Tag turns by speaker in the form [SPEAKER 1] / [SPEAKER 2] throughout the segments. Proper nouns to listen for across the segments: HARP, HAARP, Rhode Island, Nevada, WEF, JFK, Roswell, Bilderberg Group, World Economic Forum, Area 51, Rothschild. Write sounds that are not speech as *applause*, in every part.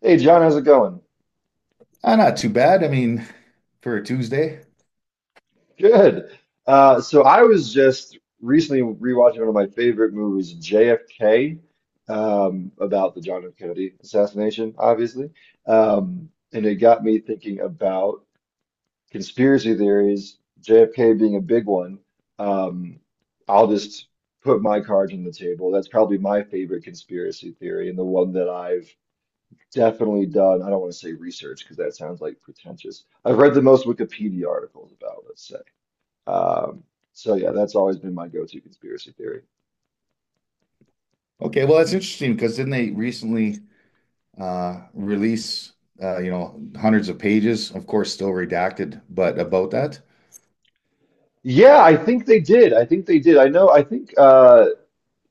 [SPEAKER 1] Hey John, how's it going?
[SPEAKER 2] Not too bad. I mean, for a Tuesday.
[SPEAKER 1] Good. So I was just recently rewatching one of my favorite movies, JFK, about the John F. Kennedy assassination, obviously. And it got me thinking about conspiracy theories, JFK being a big one. Um, I'll just put my cards on the table. That's probably my favorite conspiracy theory and the one that I've definitely done. I don't want to say research because that sounds like pretentious. I've read the most Wikipedia articles about, let's say. Um, so yeah, that's always been my go-to conspiracy theory.
[SPEAKER 2] Okay, well, that's interesting because didn't they recently release hundreds of pages, of course, still redacted, but about that?
[SPEAKER 1] Yeah, I think they did. I think they did. I know. I think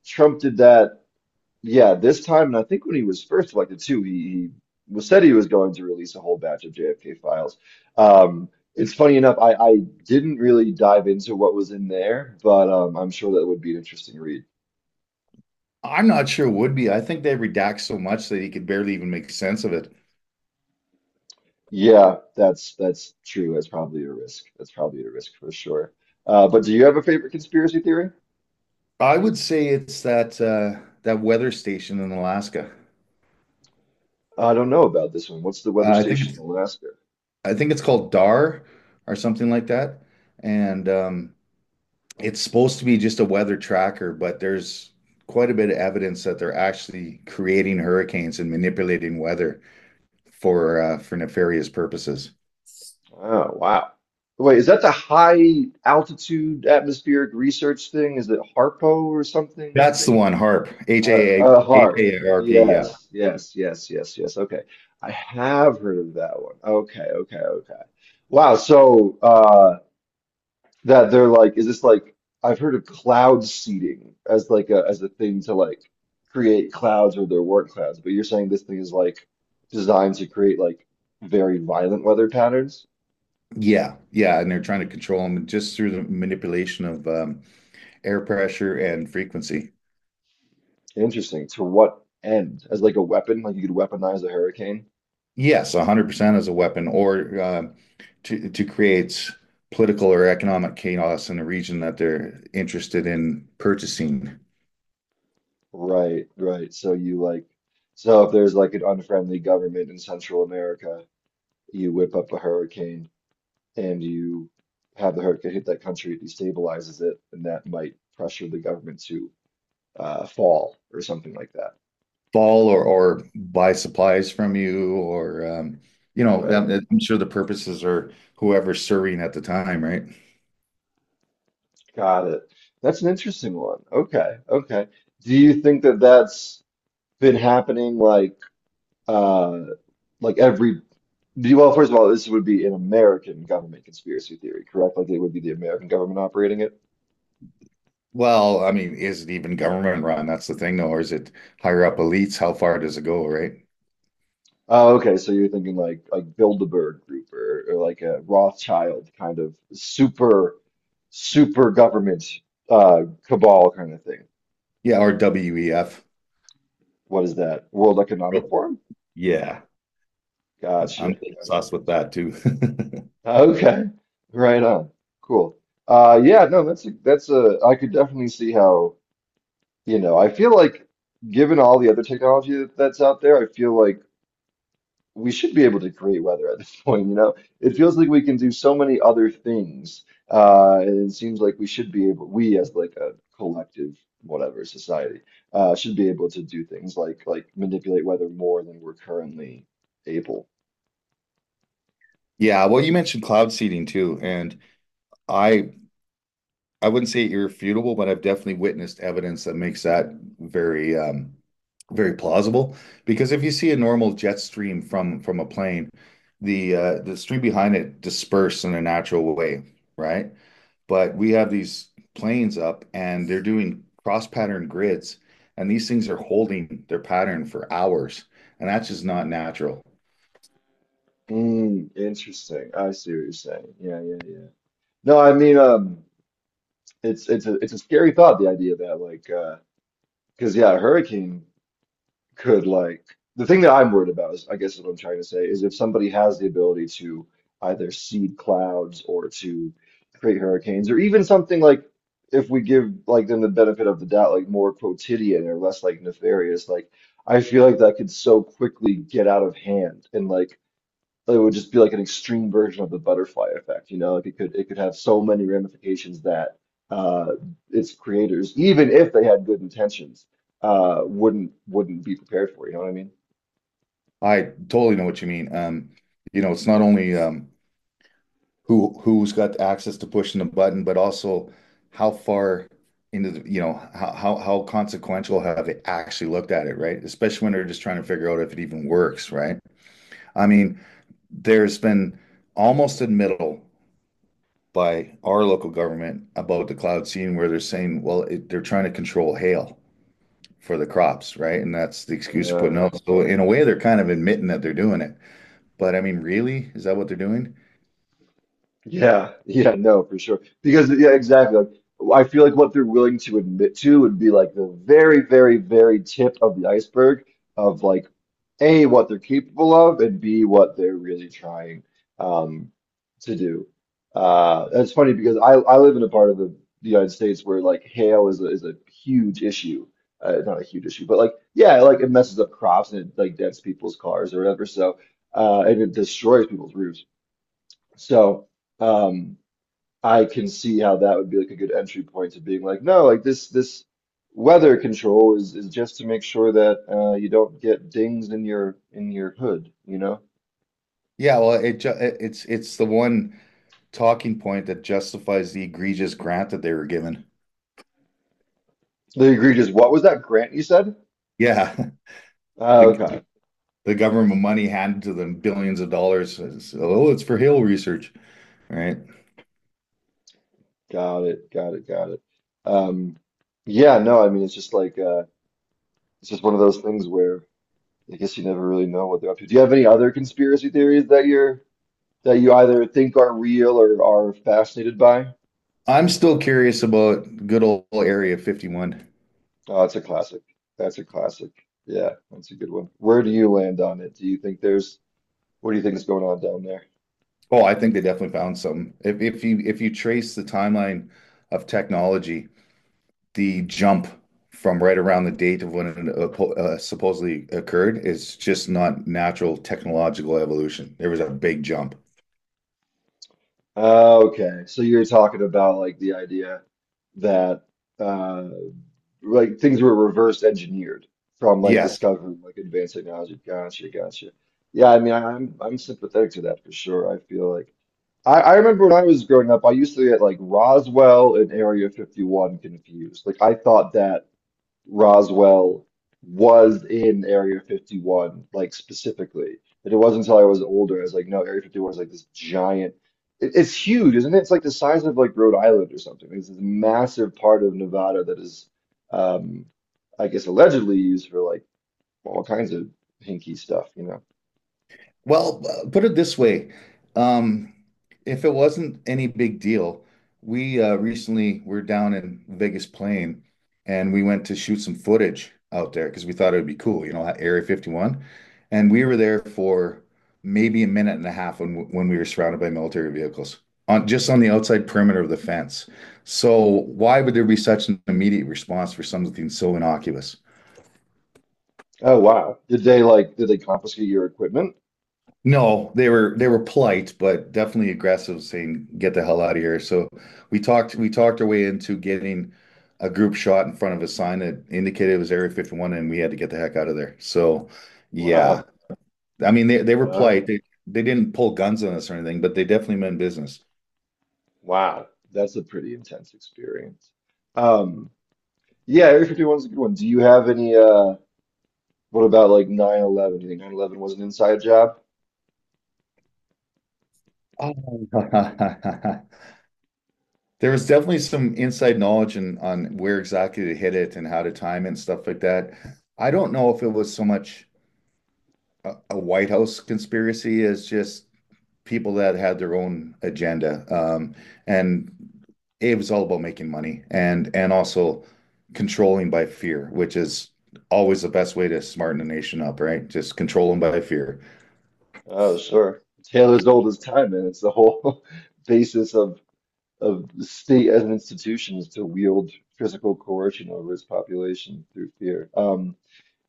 [SPEAKER 1] Trump did that. Yeah, this time, and I think when he was first elected too, he was said he was going to release a whole batch of JFK files. Um, it's funny enough, I didn't really dive into what was in there, but I'm sure that would be an interesting read.
[SPEAKER 2] I'm not sure it would be. I think they redact so much that you could barely even make sense of it.
[SPEAKER 1] Yeah, that's true. That's probably a risk. That's probably a risk for sure. But do you have a favorite conspiracy theory?
[SPEAKER 2] I would say it's that that weather station in Alaska.
[SPEAKER 1] I don't know about this one. What's the weather
[SPEAKER 2] Uh, I think
[SPEAKER 1] station in
[SPEAKER 2] it's
[SPEAKER 1] Alaska?
[SPEAKER 2] I think it's called DAR or something like that, and it's supposed to be just a weather tracker, but there's quite a bit of evidence that they're actually creating hurricanes and manipulating weather for nefarious purposes.
[SPEAKER 1] Oh, wow. Wait, is that the high altitude atmospheric research thing? Is it HARPO or something?
[SPEAKER 2] That's the one, HARP, H
[SPEAKER 1] Uh,
[SPEAKER 2] A A H
[SPEAKER 1] HARP.
[SPEAKER 2] A R P. Yeah.
[SPEAKER 1] Yes, yes, yes, yes, yes. Okay. I have heard of that one. Okay, okay, okay. Wow. That they're like, is this like I've heard of cloud seeding as like a thing to like create clouds or there weren't clouds, but you're saying this thing is like designed to create like very violent weather patterns?
[SPEAKER 2] Yeah, yeah, and they're trying to control them just through the manipulation of air pressure and frequency.
[SPEAKER 1] Interesting. To what end? As like a weapon, like you could weaponize a hurricane?
[SPEAKER 2] Yes, 100% as a weapon or to create political or economic chaos in a region that they're interested in purchasing,
[SPEAKER 1] Right, right. So you like so if there's like an unfriendly government in Central America, you whip up a hurricane and you have the hurricane hit that country, it destabilizes it, and that might pressure the government to fall or something like that,
[SPEAKER 2] fall or buy supplies from you or you know,
[SPEAKER 1] right?
[SPEAKER 2] I'm sure the purposes are whoever's serving at the time, right?
[SPEAKER 1] Got it. That's an interesting one. Okay, okay. Do you think that that's been happening uh like every do you, well, first of all, this would be an American government conspiracy theory, correct? Like it would be the American government operating it.
[SPEAKER 2] Well, I mean, is it even government run? That's the thing, though, or is it higher up elites? How far does it go, right?
[SPEAKER 1] Oh, okay. So you're thinking like Bilderberg Group or like a Rothschild kind of super super government cabal kind of thing.
[SPEAKER 2] Yeah, or WEF.
[SPEAKER 1] What is that? World Economic
[SPEAKER 2] Real-
[SPEAKER 1] Forum?
[SPEAKER 2] Yeah, I- am
[SPEAKER 1] Gotcha, gotcha,
[SPEAKER 2] obsessed with
[SPEAKER 1] gotcha.
[SPEAKER 2] that too. *laughs*
[SPEAKER 1] Okay, right on. Cool. Yeah, no, that's a, I could definitely see how, you know, I feel like given all the other technology that's out there, I feel like we should be able to create weather at this *laughs* point, you know? It feels like we can do so many other things. And it seems like we should be able, we as like a collective, whatever society, should be able to do things like manipulate weather more than we're currently able.
[SPEAKER 2] Yeah, well, you mentioned cloud seeding too, and I I wouldn't say irrefutable, but I've definitely witnessed evidence that makes that very very plausible. Because if you see a normal jet stream from a plane, the stream behind it disperses in a natural way, right? But we have these planes up, and they're doing cross-pattern grids, and these things are holding their pattern for hours, and that's just not natural.
[SPEAKER 1] Mm, interesting. I see what you're saying. Yeah, yeah, yeah. No, I mean, it's it's a scary thought, the idea that like, because yeah, a hurricane could like the thing that I'm worried about is, I guess, is what I'm trying to say is if somebody has the ability to either seed clouds or to create hurricanes or even something like if we give like them the benefit of the doubt, like more quotidian or less like nefarious, like I feel like that could so quickly get out of hand and like it would just be like an extreme version of the butterfly effect, you know, like it could have so many ramifications that uh, its creators, even if they had good intentions, wouldn't be prepared for, you know what I mean?
[SPEAKER 2] I totally know what you mean. You know, it's not only who's got access to pushing the button, but also how far into the, you know, how consequential have they actually looked at it, right? Especially when they're just trying to figure out if it even works, right? I mean, there's been almost a middle by our local government about the cloud seeding, where they're saying, well, it, they're trying to control hail for the crops, right? And that's the excuse they're putting
[SPEAKER 1] Uh,
[SPEAKER 2] out. So in a way, they're kind of admitting that they're doing it. But I mean, really, is that what they're doing?
[SPEAKER 1] Yeah, yeah, no, for sure. Because yeah, exactly. Like, I feel like what they're willing to admit to would be like the very, very, very tip of the iceberg of like A, what they're capable of, and B, what they're really trying um to do. That's funny because I live in a part of the United States where like hail is a huge issue. Not a huge issue, but like yeah, like it messes up crops and it like dents people's cars or whatever. So and it destroys people's roofs. So um I can see how that would be like a good entry point to being like, no, like this weather control is just to make sure that you don't get dings in your hood, you know?
[SPEAKER 2] Yeah, well, it's the one talking point that justifies the egregious grant that they were given.
[SPEAKER 1] The egregious, what was that grant you said?
[SPEAKER 2] Yeah, *laughs*
[SPEAKER 1] Oh,
[SPEAKER 2] the
[SPEAKER 1] okay,
[SPEAKER 2] the government money handed to them billions of dollars. It's, oh, it's for hail research, right?
[SPEAKER 1] got it, got it, got it. Um, yeah, no, I mean it's just like it's just one of those things where I guess you never really know what they're up to. Do you have any other conspiracy theories that you're that you either think are real or are fascinated by?
[SPEAKER 2] I'm still curious about good old Area 51.
[SPEAKER 1] Oh, that's a classic. That's a classic. Yeah, that's a good one. Where do you land on it? Do you think there's, what do you think is going on down there?
[SPEAKER 2] Oh, I think they definitely found some. If you trace the timeline of technology, the jump from right around the date of when it supposedly occurred is just not natural technological evolution. There was a big jump.
[SPEAKER 1] Oh, okay. So you're talking about like the idea that uh like things were reverse engineered from like
[SPEAKER 2] Yes.
[SPEAKER 1] discovering like advanced technology. Gotcha, gotcha. Yeah, I mean I'm sympathetic to that for sure. I feel like I remember when I was growing up, I used to get like Roswell and Area 51 confused. Like I thought that Roswell was in Area 51, like specifically. But it wasn't until I was older, I was like, no, Area 51 is like this giant. It's huge, isn't it? It's like the size of like Rhode Island or something. It's this massive part of Nevada that is, um, I guess, allegedly used for like all kinds of hinky stuff, you know?
[SPEAKER 2] Well, put it this way, um, if it wasn't any big deal, we recently were down in Vegas Plain, and we went to shoot some footage out there because we thought it would be cool, you know, at Area 51. And we were there for maybe a minute and a half when we were surrounded by military vehicles on just on the outside perimeter of the fence. So why would there be such an immediate response for something so innocuous?
[SPEAKER 1] Oh, wow. Did they like, did they confiscate your equipment?
[SPEAKER 2] No, they were polite, but definitely aggressive, saying "Get the hell out of here." So we talked our way into getting a group shot in front of a sign that indicated it was Area 51, and we had to get the heck out of there. So yeah,
[SPEAKER 1] Wow.
[SPEAKER 2] I mean they were
[SPEAKER 1] Uh,
[SPEAKER 2] polite. They didn't pull guns on us or anything, but they definitely meant business.
[SPEAKER 1] wow. That's a pretty intense experience. Um, yeah, Area 51 is a good one. Do you have any what about like 9/11? Do you think 9/11 was an inside job?
[SPEAKER 2] Oh. *laughs* There was definitely some inside knowledge on where exactly to hit it and how to time it and stuff like that. I don't know if it was so much a White House conspiracy as just people that had their own agenda. And it was all about making money and also controlling by fear, which is always the best way to smarten a nation up, right? Just control them by fear.
[SPEAKER 1] Oh, sure. Tale as old as time, and it's the whole *laughs* basis of the state as an institution is to wield physical coercion over its population through fear.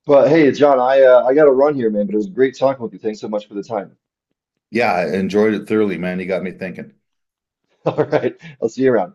[SPEAKER 1] But hey, John, I got to run here, man. But it was great talking with you. Thanks so much for the time.
[SPEAKER 2] Yeah, I enjoyed it thoroughly, man. You got me thinking.
[SPEAKER 1] *laughs* All right, I'll see you around.